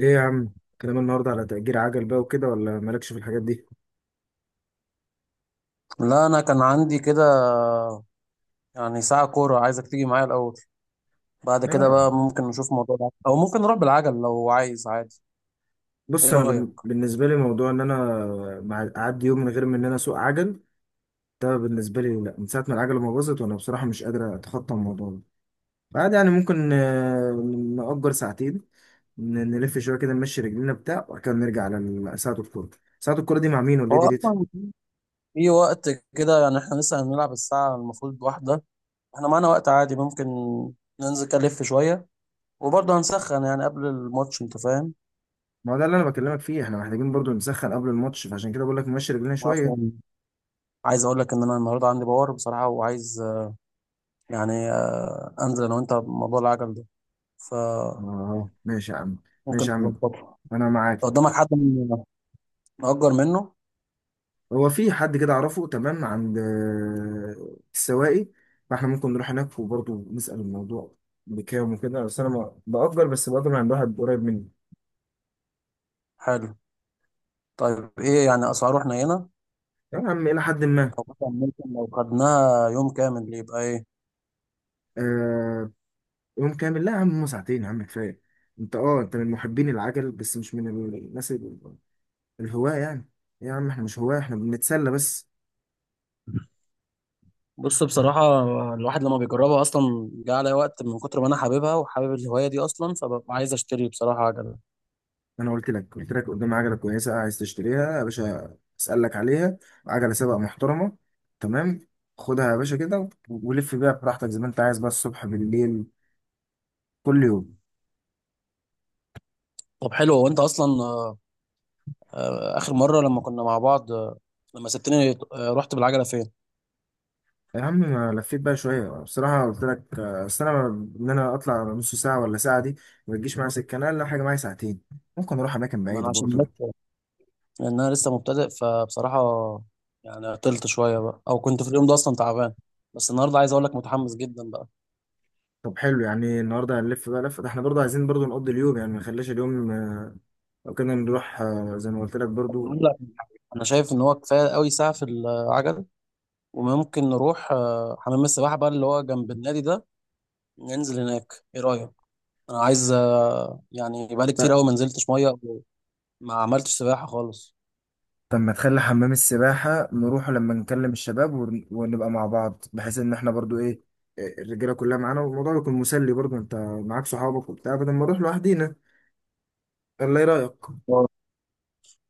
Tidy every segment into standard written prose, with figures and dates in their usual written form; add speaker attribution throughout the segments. Speaker 1: ايه يا عم، كلام النهارده على تأجير عجل بقى وكده ولا مالكش في الحاجات دي؟
Speaker 2: لا، انا كان عندي كده، يعني ساعة كورة عايزك تيجي معايا الاول. بعد كده
Speaker 1: لا،
Speaker 2: بقى ممكن نشوف موضوع العجل. او ممكن نروح بالعجل لو عايز عادي.
Speaker 1: بص
Speaker 2: ايه
Speaker 1: انا
Speaker 2: رأيك؟
Speaker 1: بالنسبه لي موضوع ان انا اعدي يوم من غير ما انا اسوق عجل. ده بالنسبه لي لا، من ساعه ما العجله ما باظت وانا بصراحه مش قادر اتخطى الموضوع ده. بعد يعني ممكن نأجر ساعتين. نلف شويه كده، نمشي رجلينا بتاع وبعد كده نرجع على ساعه الكوره. ساعه الكوره دي مع مين ولا ايه
Speaker 2: هو
Speaker 1: ديت؟
Speaker 2: اصلا في وقت كده، يعني احنا لسه هنلعب الساعة المفروض واحدة. احنا معانا وقت عادي، ممكن ننزل كده نلف شوية، وبرضه هنسخن يعني قبل الماتش، انت فاهم.
Speaker 1: ما هو ده اللي انا بكلمك فيه، احنا محتاجين برضو نسخن قبل الماتش فعشان كده بقول لك نمشي رجلينا شويه.
Speaker 2: اصلا عايز اقول لك ان انا النهارده عندي باور بصراحة، وعايز يعني انزل انا وانت بموضوع العجل ده. فممكن
Speaker 1: اه ماشي يا عم، ماشي يا عم،
Speaker 2: نظبطه. لو
Speaker 1: انا معاك.
Speaker 2: قدامك حد نأجر منه.
Speaker 1: هو في حد كده اعرفه تمام عند السواقي، فاحنا ممكن نروح هناك وبرضه نسأل الموضوع بكام وكده، بس انا بأجر، بس بأجر من عند واحد قريب مني.
Speaker 2: حلو. طيب ايه يعني اسعاره حنينه؟
Speaker 1: يا عم الى حد ما.
Speaker 2: مثلا ممكن لو خدناها يوم كامل يبقى ايه؟
Speaker 1: آه. يوم كامل لا يا عم، هما ساعتين يا عم كفايه. انت اه، انت من محبين العجل بس مش من الناس الهواة يعني. يا عم احنا مش هواة، احنا بنتسلى بس.
Speaker 2: بص بصراحة، الواحد لما بيجربها أصلا جه عليا وقت من كتر ما أنا حاببها وحابب الهواية دي أصلا، فببقى عايز أشتري بصراحة عجلة.
Speaker 1: انا قلت لك قدام عجله كويسه عايز تشتريها يا باشا، اسالك عليها. عجله سباق محترمه، تمام. خدها يا باشا كده ولف بيها براحتك زي ما انت عايز، بقى الصبح بالليل كل يوم.
Speaker 2: طب حلو. وأنت أصلا آخر مرة لما كنا مع بعض لما سبتني رحت بالعجلة فين؟
Speaker 1: يا عم ما لفيت بقى شويه بصراحه، قلت لك اصل انا انا اطلع نص ساعه ولا ساعه دي ما تجيش معايا سكه، انا اقل حاجه معايا ساعتين، ممكن اروح اماكن
Speaker 2: ما أنا
Speaker 1: بعيده
Speaker 2: عشان
Speaker 1: برضه.
Speaker 2: بس، لأن أنا لسه مبتدئ فبصراحة يعني عطلت شوية بقى، أو كنت في اليوم ده أصلا تعبان. بس النهاردة عايز أقول لك متحمس جدا بقى.
Speaker 1: طب حلو، يعني النهارده هنلف بقى لفه، ده احنا برضه عايزين برضه نقضي اليوم يعني، ما نخليش اليوم لو كنا نروح زي ما قلت لك
Speaker 2: طب أقول
Speaker 1: برضو.
Speaker 2: لك، أنا شايف إن هو كفاية قوي ساعة في العجلة، وممكن نروح حمام السباحة بقى اللي هو جنب النادي ده، ننزل هناك. ايه رأيك؟ انا عايز يعني بقالي كتير قوي ما نزلتش مية أو ما عملتش سباحة خالص.
Speaker 1: طب ما تخلي حمام السباحة نروحه لما نكلم الشباب ونبقى مع بعض، بحيث ان احنا برضو ايه، إيه، الرجالة كلها معانا والموضوع يكون مسلي برضو، انت معاك صحابك وبتاع بدل ما نروح لوحدينا. الله، ايه رأيك؟
Speaker 2: آه.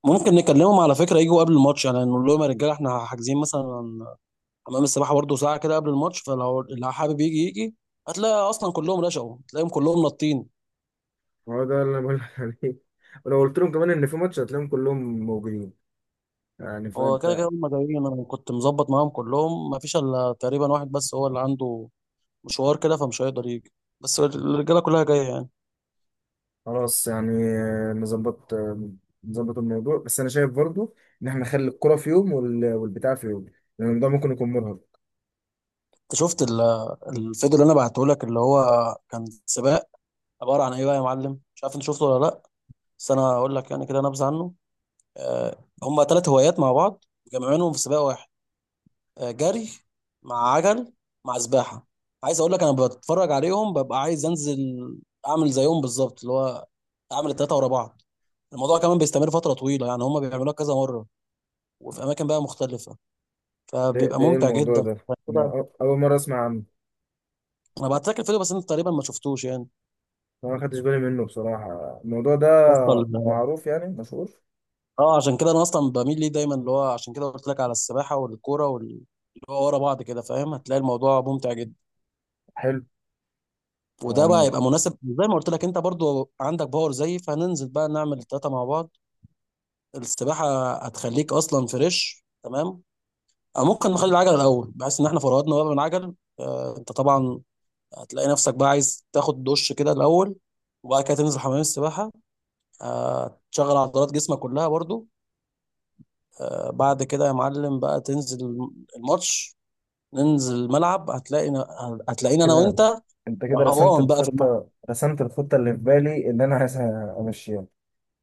Speaker 2: ممكن نكلمهم على فكرة يجوا قبل الماتش، يعني نقول لهم يا رجالة احنا حاجزين مثلا حمام السباحة برضه ساعة كده قبل الماتش، فلو اللي حابب يجي يجي. هتلاقي أصلا كلهم رشقوا، تلاقيهم كلهم نطين.
Speaker 1: هو ده اللي انا بقول لك عليه، ولو قلت لهم كمان ان في ماتش هتلاقيهم كلهم موجودين يعني،
Speaker 2: هو كده
Speaker 1: فانت.
Speaker 2: كده هم جايين، أنا كنت مظبط معاهم كلهم، ما فيش إلا تقريبا واحد بس هو اللي عنده مشوار كده فمش هيقدر يجي، بس الرجالة كلها جاية يعني.
Speaker 1: خلاص يعني، نظبط، نظبط الموضوع، بس انا شايف برضو ان احنا نخلي الكرة في يوم والبتاع في يوم، لان الموضوع ممكن يكون مرهق.
Speaker 2: انت شفت الفيديو اللي انا بعته لك اللي هو كان سباق، عباره عن ايه بقى يا معلم؟ مش عارف انت شفته ولا لا. بس انا هقول لك يعني كده نبذه عنه. آه، هما ثلاث هوايات مع بعض، مجمعينهم في سباق واحد: جري مع عجل مع سباحه. عايز اقول لك انا بتفرج عليهم ببقى عايز انزل اعمل زيهم بالظبط، اللي هو اعمل الثلاثه ورا بعض. الموضوع كمان بيستمر فتره طويله، يعني هما بيعملوها كذا مره وفي اماكن بقى مختلفه،
Speaker 1: ده
Speaker 2: فبيبقى
Speaker 1: ده ايه
Speaker 2: ممتع
Speaker 1: الموضوع
Speaker 2: جدا
Speaker 1: ده؟ انا
Speaker 2: كده.
Speaker 1: اول مرة اسمع عنه.
Speaker 2: انا بعت لك الفيديو بس انت تقريبا ما شفتوش
Speaker 1: أنا ما خدتش بالي منه بصراحة، الموضوع ده
Speaker 2: يعني.
Speaker 1: معروف يعني مشهور؟
Speaker 2: اه عشان كده انا اصلا بميل ليه دايما، اللي هو عشان كده قلت لك على السباحه والكوره اللي هو ورا بعض كده، فاهم؟ هتلاقي الموضوع ممتع جدا.
Speaker 1: حلو
Speaker 2: وده بقى
Speaker 1: يعني.
Speaker 2: يبقى مناسب زي ما قلت لك، انت برضو عندك باور زيي، فهننزل بقى نعمل التلاته مع بعض. السباحه هتخليك اصلا فريش، تمام. او ممكن نخلي العجل الاول، بحيث ان احنا فرهدنا بقى من العجل. انت طبعا هتلاقي نفسك بقى عايز تاخد دش كده الاول، وبعد كده تنزل حمام السباحه، تشغل عضلات جسمك كلها برضو، بعد كده يا معلم بقى تنزل الماتش، ننزل الملعب هتلاقينا انا
Speaker 1: كده
Speaker 2: وانت
Speaker 1: أنت كده رسمت
Speaker 2: رهوان بقى في الملعب.
Speaker 1: الخطة رسمت الخطة اللي في بالي اللي أنا عايز أمشيها.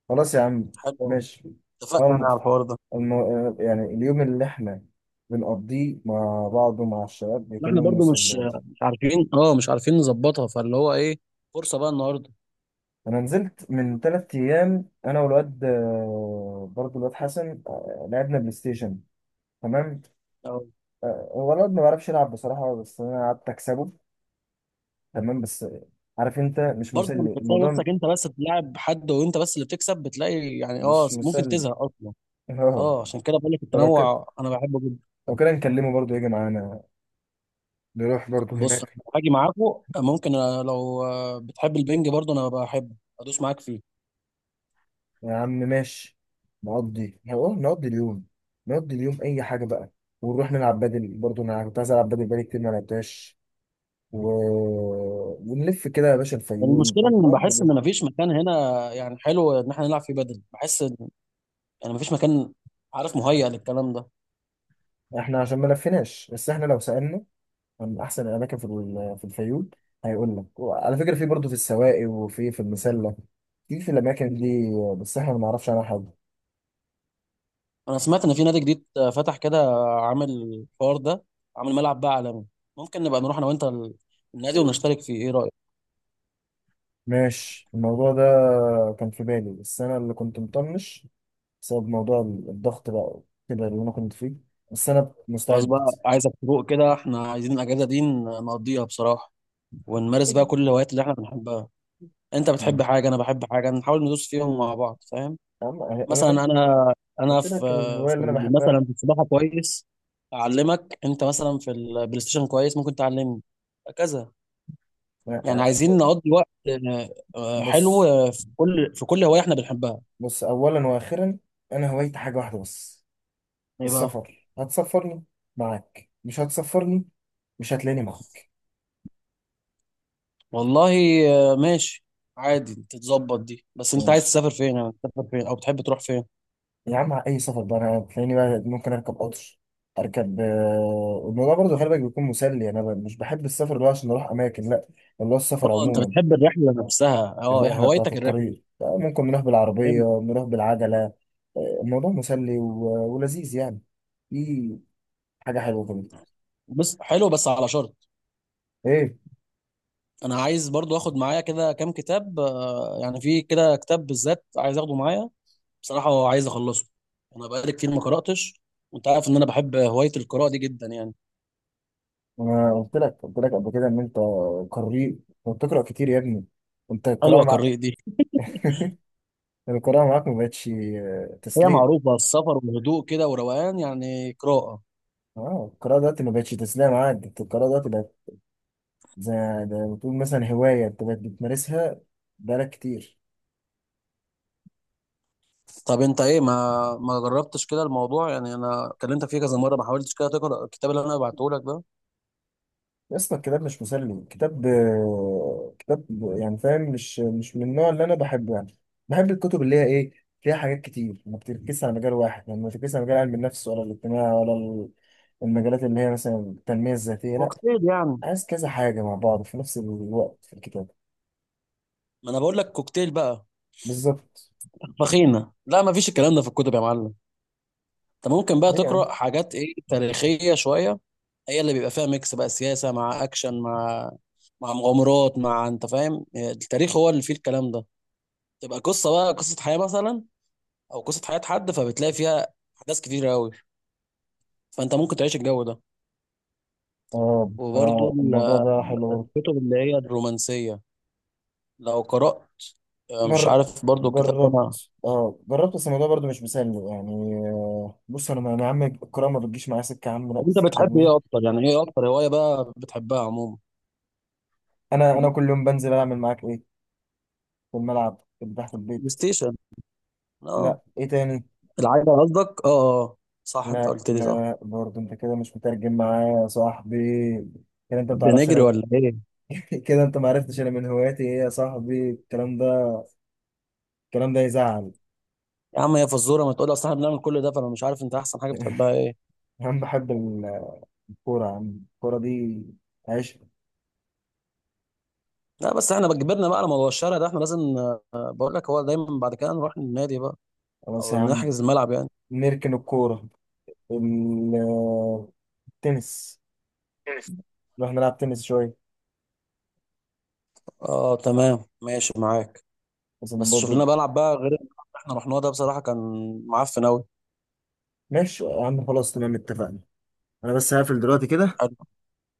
Speaker 1: خلاص يا عم
Speaker 2: حلو أوي.
Speaker 1: ماشي.
Speaker 2: اتفقنا انا
Speaker 1: أول
Speaker 2: على الحوار ده.
Speaker 1: الم... يعني اليوم اللي إحنا بنقضيه مع بعض ومع الشباب بيكون
Speaker 2: احنا
Speaker 1: يوم
Speaker 2: برضو
Speaker 1: مسلي
Speaker 2: مش
Speaker 1: والله.
Speaker 2: مش عارفين، اه مش عارفين نظبطها، فاللي هو ايه، فرصة بقى النهارده.
Speaker 1: أنا نزلت من تلات أيام أنا والواد برضه الواد حسن، لعبنا بلاي ستيشن تمام.
Speaker 2: أو
Speaker 1: هو الواد ما بيعرفش يلعب بصراحة، بس أنا قعدت أكسبه تمام، بس عارف انت مش
Speaker 2: برضه لما
Speaker 1: مسلي
Speaker 2: بتلاقي
Speaker 1: الموضوع،
Speaker 2: نفسك انت بس بتلعب حد وانت بس اللي بتكسب، بتلاقي يعني
Speaker 1: مش
Speaker 2: ممكن
Speaker 1: مسلي.
Speaker 2: تزهق اصلا.
Speaker 1: اه.
Speaker 2: اه عشان كده بقول لك
Speaker 1: فلو كده،
Speaker 2: التنوع انا بحبه جدا.
Speaker 1: لو كده نكلمه برضه يجي معانا، نروح برضه
Speaker 2: بص أنا
Speaker 1: هناك.
Speaker 2: هاجي معاكم. ممكن أنا لو بتحب البنج برضه انا بحبه، ادوس معاك فيه.
Speaker 1: يا عم ماشي، نقضي اليوم، نقضي اليوم اي حاجه بقى، ونروح نلعب بدل، برضه انا كنت عايز العب بدل بقالي كتير ما لعبتهاش و... ونلف كده يا باشا
Speaker 2: المشكله
Speaker 1: الفيوم
Speaker 2: ان
Speaker 1: نقضي
Speaker 2: بحس ان
Speaker 1: اليوم.
Speaker 2: مفيش مكان هنا، يعني حلو ان احنا نلعب فيه بدل، بحس يعني مفيش مكان، عارف، مهيأ للكلام ده.
Speaker 1: احنا عشان ما لفيناش بس، احنا لو سألنا من احسن الاماكن في في الفيوم، هيقول لك. وعلى فكره في برضه في السواقي وفي في المسله، في في الاماكن دي، بس احنا ما نعرفش عنها حاجه.
Speaker 2: انا سمعت ان في نادي جديد فتح كده عامل الحوار ده، عامل ملعب بقى عالمي. ممكن نبقى نروح انا وانت النادي ونشترك فيه. ايه رأيك؟
Speaker 1: ماشي، الموضوع ده كان في بالي، بس انا اللي كنت مطنش بسبب موضوع الضغط بقى كده اللي انا كنت فيه، بس انا
Speaker 2: خلاص
Speaker 1: مستعد.
Speaker 2: بقى. عايزك تروق كده، احنا عايزين الاجازة دي نقضيها بصراحة، ونمارس بقى كل الهوايات اللي احنا بنحبها. انت بتحب
Speaker 1: نعم.
Speaker 2: حاجة، انا بحب حاجة، نحاول ندوس فيهم مع بعض، فاهم؟
Speaker 1: أما
Speaker 2: مثلا
Speaker 1: أنا
Speaker 2: انا
Speaker 1: قلت
Speaker 2: في
Speaker 1: لك الهواية
Speaker 2: في
Speaker 1: اللي أنا بحبها.
Speaker 2: مثلا في السباحة كويس، اعلمك. انت مثلا في البلاي ستيشن كويس، ممكن تعلمني، هكذا.
Speaker 1: أنا-
Speaker 2: يعني
Speaker 1: أ-
Speaker 2: عايزين نقضي وقت حلو
Speaker 1: بص،
Speaker 2: في كل هواية احنا بنحبها.
Speaker 1: بص أولا وآخرا، أنا هوايتي حاجة واحدة بس،
Speaker 2: ايه بقى؟
Speaker 1: السفر. هتسفرني معاك مش هتسفرني، مش هتلاقيني معاك.
Speaker 2: والله ماشي. عادي تتظبط دي، بس انت عايز
Speaker 1: ماشي
Speaker 2: تسافر فين؟ يعني تسافر فين او بتحب تروح فين؟
Speaker 1: يا عم، اي سفر بقى انا هتلاقيني بقى، ممكن اركب قطر، اركب الموضوع برضه خلي بالك بيكون مسلي يعني، انا مش بحب السفر ده عشان اروح اماكن لا، اللي هو السفر
Speaker 2: اه انت
Speaker 1: عموما.
Speaker 2: بتحب الرحلة نفسها، اه يا
Speaker 1: الرحله بتاعت
Speaker 2: هوايتك الرحلة.
Speaker 1: الطريق ممكن نروح بالعربيه،
Speaker 2: فهمت.
Speaker 1: نروح بالعجله، الموضوع مسلي ولذيذ يعني، في حاجه حلوه كده.
Speaker 2: بس حلو بس على شرط.
Speaker 1: ايه؟
Speaker 2: انا عايز برضو اخد معايا كده كام كتاب، يعني في كده كتاب بالذات عايز اخده معايا، بصراحة هو عايز اخلصه. انا بقالي كتير ما قرأتش، وانت عارف ان انا بحب هواية القراءة دي جدا يعني.
Speaker 1: انا قلت لك قبل كده ان انت قارئ وبتقرا كتير يا ابني، انت
Speaker 2: حلوة
Speaker 1: القراءه،
Speaker 2: قراءة دي.
Speaker 1: القراءة معاك ما بقتش
Speaker 2: هي
Speaker 1: تسلية.
Speaker 2: معروفة، السفر وهدوء كده وروقان، يعني قراءة.
Speaker 1: اه القراءة دلوقتي ما بقتش تسلية معاك، ده القراءة دلوقتي بقت زي، ده بتقول مثلا هواية انت بقت بتمارسها بقالك كتير.
Speaker 2: طب انت ايه، ما جربتش كده الموضوع؟ يعني انا كلمتك فيه كذا مرة، ما حاولتش كده تقرا الكتاب اللي انا بعته لك ده.
Speaker 1: يا اسطى الكتاب مش مسلي، كتاب كتاب يعني، فاهم، مش من النوع اللي انا بحبه يعني، بحب الكتب اللي هي ايه، فيها حاجات كتير، ما بتركزش على مجال واحد يعني، ما بتركزش على مجال علم النفس ولا الاجتماع ولا المجالات اللي هي مثلا التنمية الذاتية لا،
Speaker 2: كوكتيل يعني.
Speaker 1: عايز كذا حاجة مع بعض في نفس الوقت في الكتاب.
Speaker 2: ما انا بقول لك كوكتيل بقى.
Speaker 1: بالظبط.
Speaker 2: فخينة. لا ما فيش الكلام ده في الكتب يا معلم. انت ممكن بقى
Speaker 1: ليه؟
Speaker 2: تقرا حاجات ايه، تاريخية شوية. هي اللي بيبقى فيها ميكس بقى، سياسة مع اكشن مع مغامرات مع، انت فاهم؟ التاريخ هو اللي فيه الكلام ده. تبقى قصة بقى قصة حياة مثلا، او قصة حياة حد، فبتلاقي فيها احداث كتير قوي، فانت ممكن تعيش الجو ده.
Speaker 1: اه
Speaker 2: وبرضو
Speaker 1: انا الموضوع ده حلو.
Speaker 2: الكتب اللي هي الرومانسيه لو قرات مش
Speaker 1: برضه جر...
Speaker 2: عارف برضو الكتاب ده انا.
Speaker 1: جربت اه، جربت بس الموضوع برضه مش مسلي يعني، بص انا يا عم الكرة ما بتجيش معايا سكة يا عم لا.
Speaker 2: طب انت بتحب ايه
Speaker 1: فاهمني،
Speaker 2: اكتر، يعني ايه اكتر هوايه بقى بتحبها عموما؟
Speaker 1: انا كل يوم بنزل اعمل معاك ايه في الملعب اللي تحت
Speaker 2: بلاي
Speaker 1: البيت؟
Speaker 2: ستيشن؟ اه.
Speaker 1: لا، ايه تاني؟
Speaker 2: العجله قصدك. اه اه، آه. صح، انت
Speaker 1: لا
Speaker 2: قلت لي، صح.
Speaker 1: لا، برضه انت كده مش مترجم معايا يا صاحبي، كده انت ما بتعرفش
Speaker 2: بنجري
Speaker 1: انا.
Speaker 2: ولا ايه؟
Speaker 1: كده انت ما عرفتش انا من هواياتي ايه يا صاحبي؟ الكلام ده، الكلام ده يزعل.
Speaker 2: يا عم هي فزوره؟ ما تقول لي، اصل احنا بنعمل كل ده فانا مش عارف انت احسن حاجه بتحبها ايه.
Speaker 1: انا بحب الكورة يا عم، الكورة دي عشق.
Speaker 2: لا، بس احنا بتجبرنا بقى على موضوع الشارع ده. احنا لازم بقول لك هو دايما بعد كده نروح النادي بقى،
Speaker 1: خلاص يا
Speaker 2: او
Speaker 1: عم،
Speaker 2: نحجز الملعب يعني.
Speaker 1: نركن الكورة، ال- التنس، نروح نلعب تنس شوية.
Speaker 2: اه تمام ماشي معاك.
Speaker 1: بس
Speaker 2: بس
Speaker 1: برضه.
Speaker 2: شغلنا بلعب بقى غير اللي احنا رحناه ده، بصراحة كان معفن أوي.
Speaker 1: ماشي يا عم، خلاص تمام اتفقنا. أنا بس هقفل دلوقتي كده،
Speaker 2: حلو.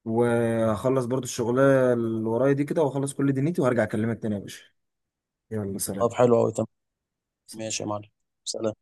Speaker 1: وهخلص برضه الشغلانة اللي ورايا دي كده، وأخلص كل دنيتي، وهرجع أكلمك تاني يا باشا. يلا
Speaker 2: طب
Speaker 1: سلام.
Speaker 2: حلو أوي، تمام. ماشي يا معلم. سلام.